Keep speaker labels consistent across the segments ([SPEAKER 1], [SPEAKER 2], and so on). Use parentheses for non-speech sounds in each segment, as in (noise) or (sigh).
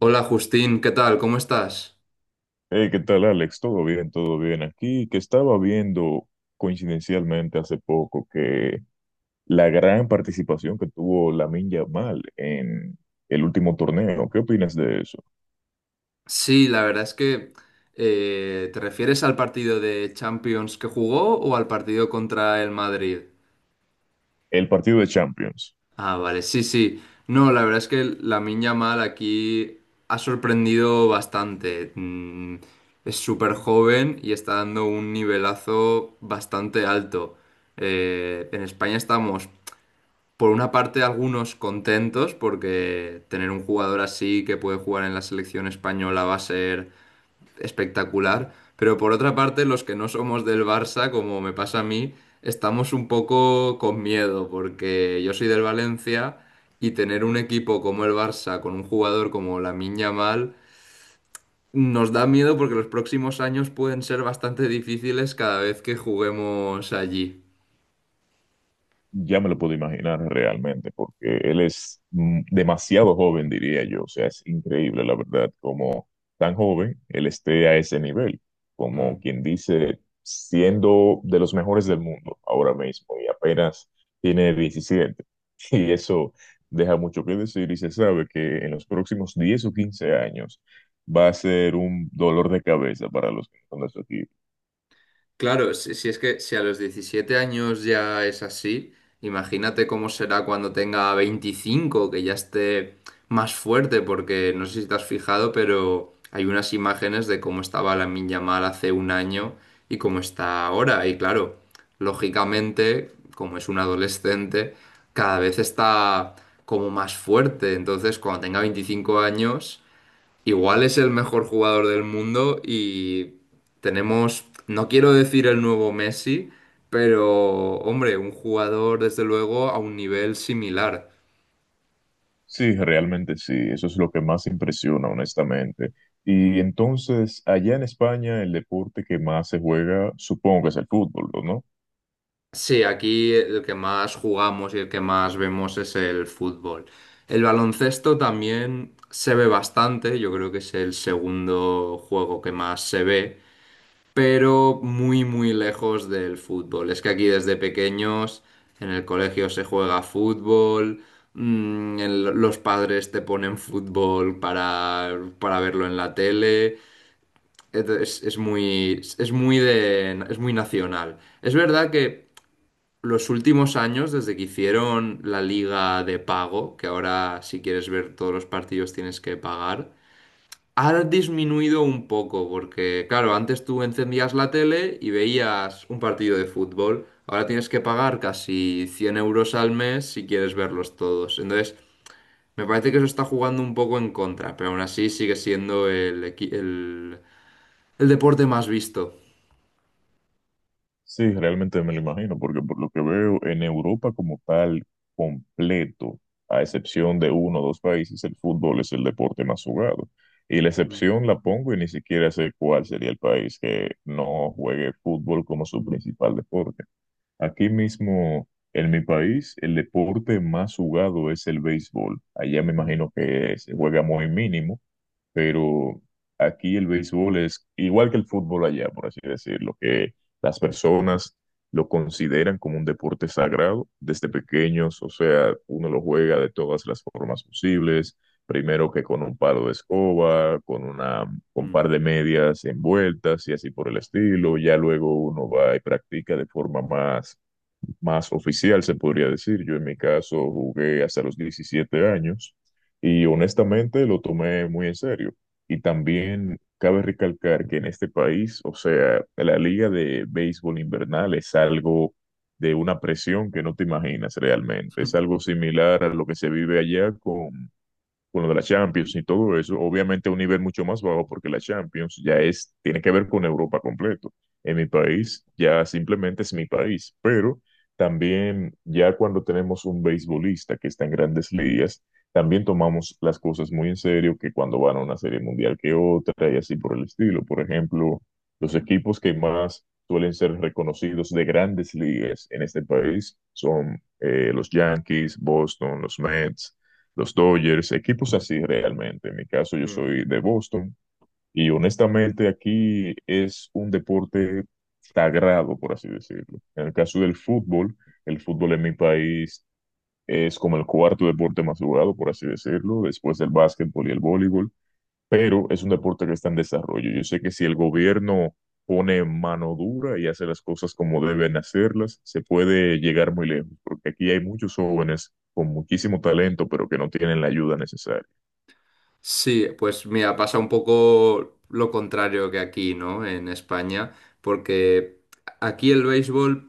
[SPEAKER 1] Hola Justín, ¿qué tal? ¿Cómo estás?
[SPEAKER 2] Hey, ¿qué tal, Alex? ¿Todo bien? ¿Todo bien aquí? Que estaba viendo coincidencialmente hace poco que la gran participación que tuvo Lamine Yamal en el último torneo. ¿Qué opinas de eso?
[SPEAKER 1] Sí, la verdad es que ¿te refieres al partido de Champions que jugó o al partido contra el Madrid?
[SPEAKER 2] El partido de Champions.
[SPEAKER 1] Ah, vale, sí, sí. No, la verdad es que Lamine Yamal aquí ha sorprendido bastante. Mm, Es súper joven y está dando un nivelazo bastante alto. En España estamos. Por una parte, algunos contentos porque tener un jugador así que puede jugar en la selección española va a ser espectacular, pero por otra parte, los que no somos del Barça, como me pasa a mí, estamos un poco con miedo porque yo soy del Valencia y tener un equipo como el Barça con un jugador como Lamine Yamal nos da miedo porque los próximos años pueden ser bastante difíciles cada vez que juguemos allí.
[SPEAKER 2] Ya me lo puedo imaginar realmente, porque él es demasiado joven, diría yo. O sea, es increíble, la verdad, como tan joven él esté a ese nivel, como
[SPEAKER 1] Mm.
[SPEAKER 2] quien dice, siendo de los mejores del mundo ahora mismo y apenas tiene 17 (laughs) Y eso deja mucho que decir y se sabe que en los próximos 10 o 15 años va a ser un dolor de cabeza para los que son de su equipo.
[SPEAKER 1] Claro, si es que si a los 17 años ya es así, imagínate cómo será cuando tenga 25, que ya esté más fuerte, porque no sé si te has fijado, pero hay unas imágenes de cómo estaba la Yamal hace un año y cómo está ahora. Y claro, lógicamente, como es un adolescente, cada vez está como más fuerte. Entonces, cuando tenga 25 años... Igual es el mejor jugador del mundo y tenemos, no quiero decir el nuevo Messi, pero hombre, un jugador desde luego a un nivel similar.
[SPEAKER 2] Sí, realmente sí, eso es lo que más impresiona, honestamente. Y entonces, allá en España, el deporte que más se juega, supongo que es el fútbol, ¿no?
[SPEAKER 1] Sí, aquí el que más jugamos y el que más vemos es el fútbol. El baloncesto también se ve bastante, yo creo que es el segundo juego que más se ve, pero muy, muy lejos del fútbol. Es que aquí desde pequeños en el colegio se juega fútbol, los padres te ponen fútbol para verlo en la tele. Es muy nacional. Es verdad que los últimos años, desde que hicieron la liga de pago, que ahora si quieres ver todos los partidos tienes que pagar, ha disminuido un poco, porque claro, antes tú encendías la tele y veías un partido de fútbol. Ahora tienes que pagar casi 100 euros al mes si quieres verlos todos. Entonces, me parece que eso está jugando un poco en contra, pero aún así sigue siendo el deporte más visto.
[SPEAKER 2] Sí, realmente me lo imagino, porque por lo que veo, en Europa como tal, completo, a excepción de uno o dos países, el fútbol es el deporte más jugado. Y la excepción la pongo y ni siquiera sé cuál sería el país que no juegue fútbol como su principal deporte. Aquí mismo, en mi país, el deporte más jugado es el béisbol. Allá me
[SPEAKER 1] Mm.
[SPEAKER 2] imagino que se juega muy mínimo, pero aquí el béisbol es igual que el fútbol allá, por así decirlo, que las personas lo consideran como un deporte sagrado desde pequeños, o sea, uno lo juega de todas las formas posibles, primero que con un palo de escoba, con una, con un
[SPEAKER 1] Mm.
[SPEAKER 2] par de medias envueltas y así por el estilo, ya luego uno va y practica de forma más oficial, se podría decir. Yo en mi caso jugué hasta los 17 años y honestamente lo tomé muy en serio. Y también cabe recalcar que en este país, o sea, la liga de béisbol invernal es algo de una presión que no te imaginas realmente. Es algo similar a lo que se vive allá con lo de la Champions y todo eso, obviamente a un nivel mucho más bajo porque la Champions ya es, tiene que ver con Europa completo. En mi país ya simplemente es mi país, pero también ya cuando tenemos un beisbolista que está en grandes ligas, también tomamos las cosas muy en serio que cuando van a una serie mundial que otra y así por el estilo. Por ejemplo, los equipos que más suelen ser reconocidos de grandes ligas en este país son los Yankees, Boston, los Mets, los Dodgers, equipos así realmente. En mi caso, yo
[SPEAKER 1] (laughs)
[SPEAKER 2] soy de Boston y honestamente aquí es un deporte sagrado, por así decirlo. En el caso del fútbol, el fútbol en mi país es como el cuarto deporte más jugado, por así decirlo, después del básquetbol y el voleibol, pero es un deporte que está en desarrollo. Yo sé que si el gobierno pone mano dura y hace las cosas como deben hacerlas, se puede llegar muy lejos, porque aquí hay muchos jóvenes con muchísimo talento, pero que no tienen la ayuda necesaria.
[SPEAKER 1] Sí, pues mira, pasa un poco lo contrario que aquí, ¿no? En España, porque aquí el béisbol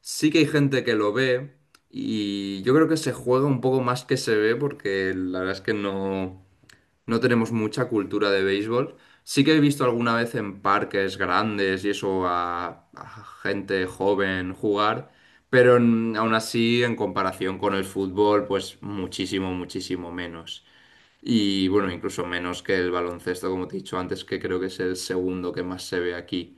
[SPEAKER 1] sí que hay gente que lo ve y yo creo que se juega un poco más que se ve porque la verdad es que no, no tenemos mucha cultura de béisbol. Sí que he visto alguna vez en parques grandes y eso a gente joven jugar, pero aún así en comparación con el fútbol, pues muchísimo, muchísimo menos. Y bueno, incluso menos que el baloncesto, como te he dicho antes, que creo que es el segundo que más se ve aquí.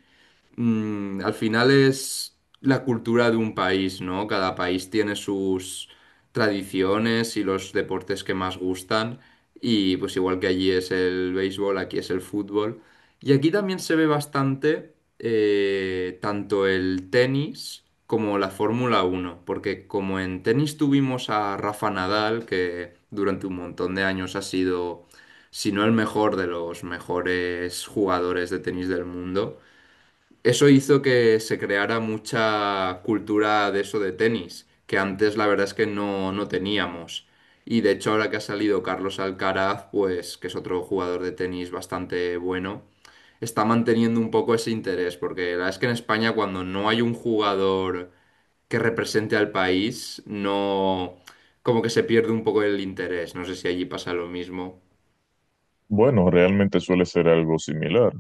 [SPEAKER 1] Mm, al final es la cultura de un país, ¿no? Cada país tiene sus tradiciones y los deportes que más gustan. Y pues igual que allí es el béisbol, aquí es el fútbol. Y aquí también se ve bastante, tanto el tenis como la Fórmula Uno, porque como en tenis tuvimos a Rafa Nadal, que durante un montón de años ha sido, si no el mejor, de los mejores jugadores de tenis del mundo, eso hizo que se creara mucha cultura de eso de tenis, que antes la verdad es que no, no teníamos. Y de hecho ahora que ha salido Carlos Alcaraz, pues que es otro jugador de tenis bastante bueno, está manteniendo un poco ese interés, porque la verdad es que en España cuando no hay un jugador que represente al país, no, como que se pierde un poco el interés. No sé si allí pasa lo mismo.
[SPEAKER 2] Bueno, realmente suele ser algo similar,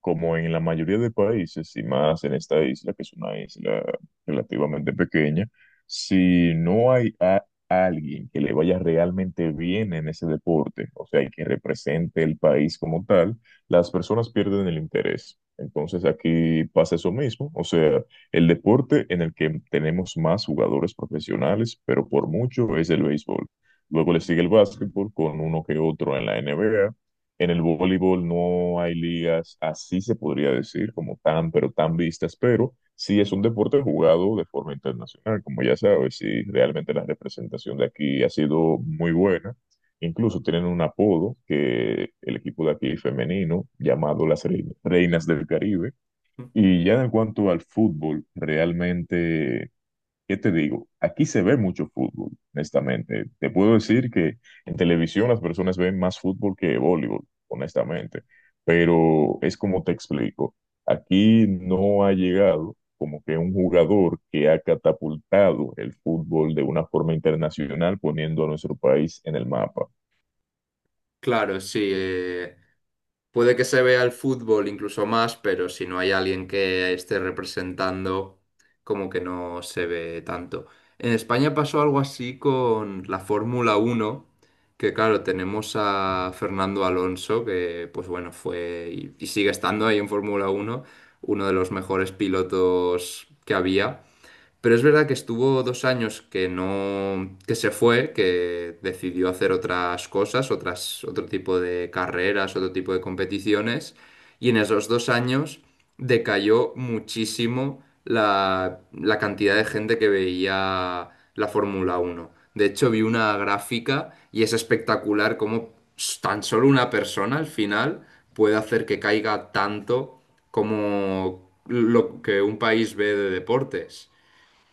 [SPEAKER 2] como en la mayoría de países, y más en esta isla, que es una isla relativamente pequeña, si no hay a alguien que le vaya realmente bien en ese deporte, o sea, y que represente el país como tal, las personas pierden el interés. Entonces aquí pasa eso mismo, o sea, el deporte en el que tenemos más jugadores profesionales, pero por mucho es el béisbol. Luego le
[SPEAKER 1] Mm.
[SPEAKER 2] sigue el básquetbol con uno que otro en la NBA. En el voleibol no hay ligas, así se podría decir, como tan, pero tan vistas, pero sí es un deporte jugado de forma internacional, como ya sabes, y realmente la representación de aquí ha sido muy buena. Incluso tienen un apodo que el equipo de aquí femenino, llamado las Reinas del Caribe. Y ya en cuanto al fútbol, realmente, ¿qué te digo? Aquí se ve mucho fútbol, honestamente. Te puedo decir que en televisión las personas ven más fútbol que voleibol, honestamente. Pero es como te explico. Aquí no ha llegado como que un jugador que ha catapultado el fútbol de una forma internacional poniendo a nuestro país en el mapa.
[SPEAKER 1] Claro, sí. Puede que se vea el fútbol incluso más, pero si no hay alguien que esté representando, como que no se ve tanto. En España pasó algo así con la Fórmula Uno, que claro, tenemos a Fernando Alonso, que pues bueno, fue y sigue estando ahí en Fórmula Uno, uno de los mejores pilotos que había. Pero es verdad que estuvo dos años que no, que se fue, que decidió hacer otras cosas, otro tipo de carreras, otro tipo de competiciones, y en esos dos años decayó muchísimo la cantidad de gente que veía la Fórmula Uno. De hecho, vi una gráfica y es espectacular cómo tan solo una persona al final puede hacer que caiga tanto como lo que un país ve de deportes.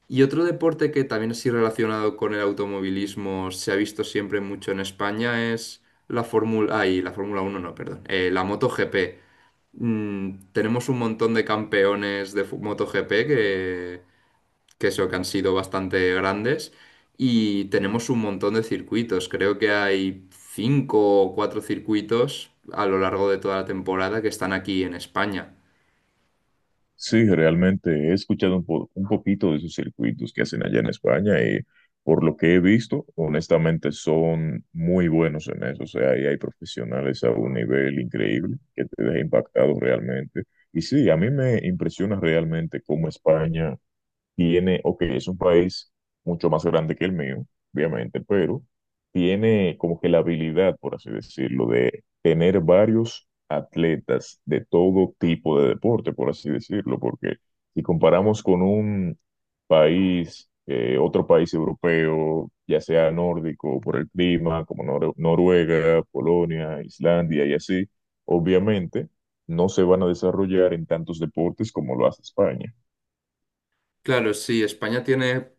[SPEAKER 1] Y otro deporte que también así relacionado con el automovilismo se ha visto siempre mucho en España es la Fórmula, ay, la Fórmula Uno no, perdón, la MotoGP. Mm, tenemos un montón de campeones de MotoGP que han sido bastante grandes y tenemos un montón de circuitos. Creo que hay cinco o cuatro circuitos a lo largo de toda la temporada que están aquí en España.
[SPEAKER 2] Sí, realmente he escuchado un poquito de esos circuitos que hacen allá en España y por lo que he visto, honestamente son muy buenos en eso. O sea, ahí hay profesionales a un nivel increíble que te deja impactado realmente. Y sí, a mí me impresiona realmente cómo España tiene, ok, es un país mucho más grande que el mío, obviamente, pero tiene como que la habilidad, por así decirlo, de tener varios atletas de todo tipo de deporte, por así decirlo, porque si comparamos con un país, otro país europeo, ya sea nórdico por el clima, como Noruega, Polonia, Islandia y así, obviamente no se van a desarrollar en tantos deportes como lo hace España.
[SPEAKER 1] Claro, sí, España tiene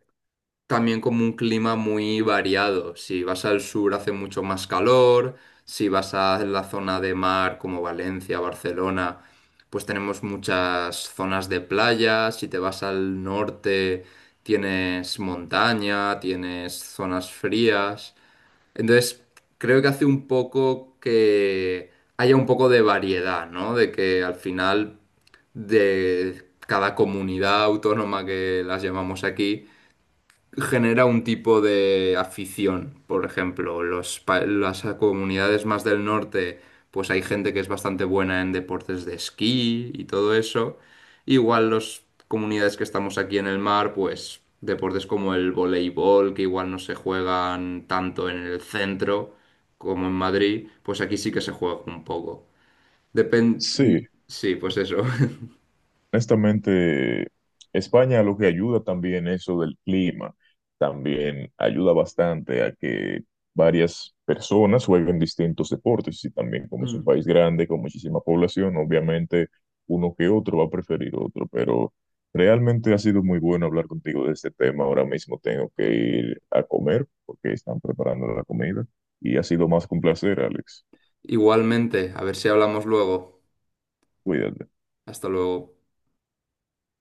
[SPEAKER 1] también como un clima muy variado. Si vas al sur hace mucho más calor, si vas a la zona de mar como Valencia, Barcelona, pues tenemos muchas zonas de playa. Si te vas al norte, tienes montaña, tienes zonas frías. Entonces, creo que hace un poco que haya un poco de variedad, ¿no? De que al final de cada comunidad autónoma, que las llamamos aquí, genera un tipo de afición. Por ejemplo, las comunidades más del norte, pues hay gente que es bastante buena en deportes de esquí y todo eso. Igual las comunidades que estamos aquí en el mar, pues deportes como el voleibol, que igual no se juegan tanto en el centro como en Madrid, pues aquí sí que se juega un poco. Depende...
[SPEAKER 2] Sí,
[SPEAKER 1] Sí, pues eso. (laughs)
[SPEAKER 2] honestamente, España lo que ayuda también eso del clima, también ayuda bastante a que varias personas jueguen distintos deportes y también como es un
[SPEAKER 1] Mm.
[SPEAKER 2] país grande con muchísima población, obviamente uno que otro va a preferir otro, pero realmente ha sido muy bueno hablar contigo de este tema. Ahora mismo tengo que ir a comer porque están preparando la comida y ha sido más que un placer, Alex.
[SPEAKER 1] Igualmente, a ver si hablamos luego.
[SPEAKER 2] Cuídate.
[SPEAKER 1] Hasta luego.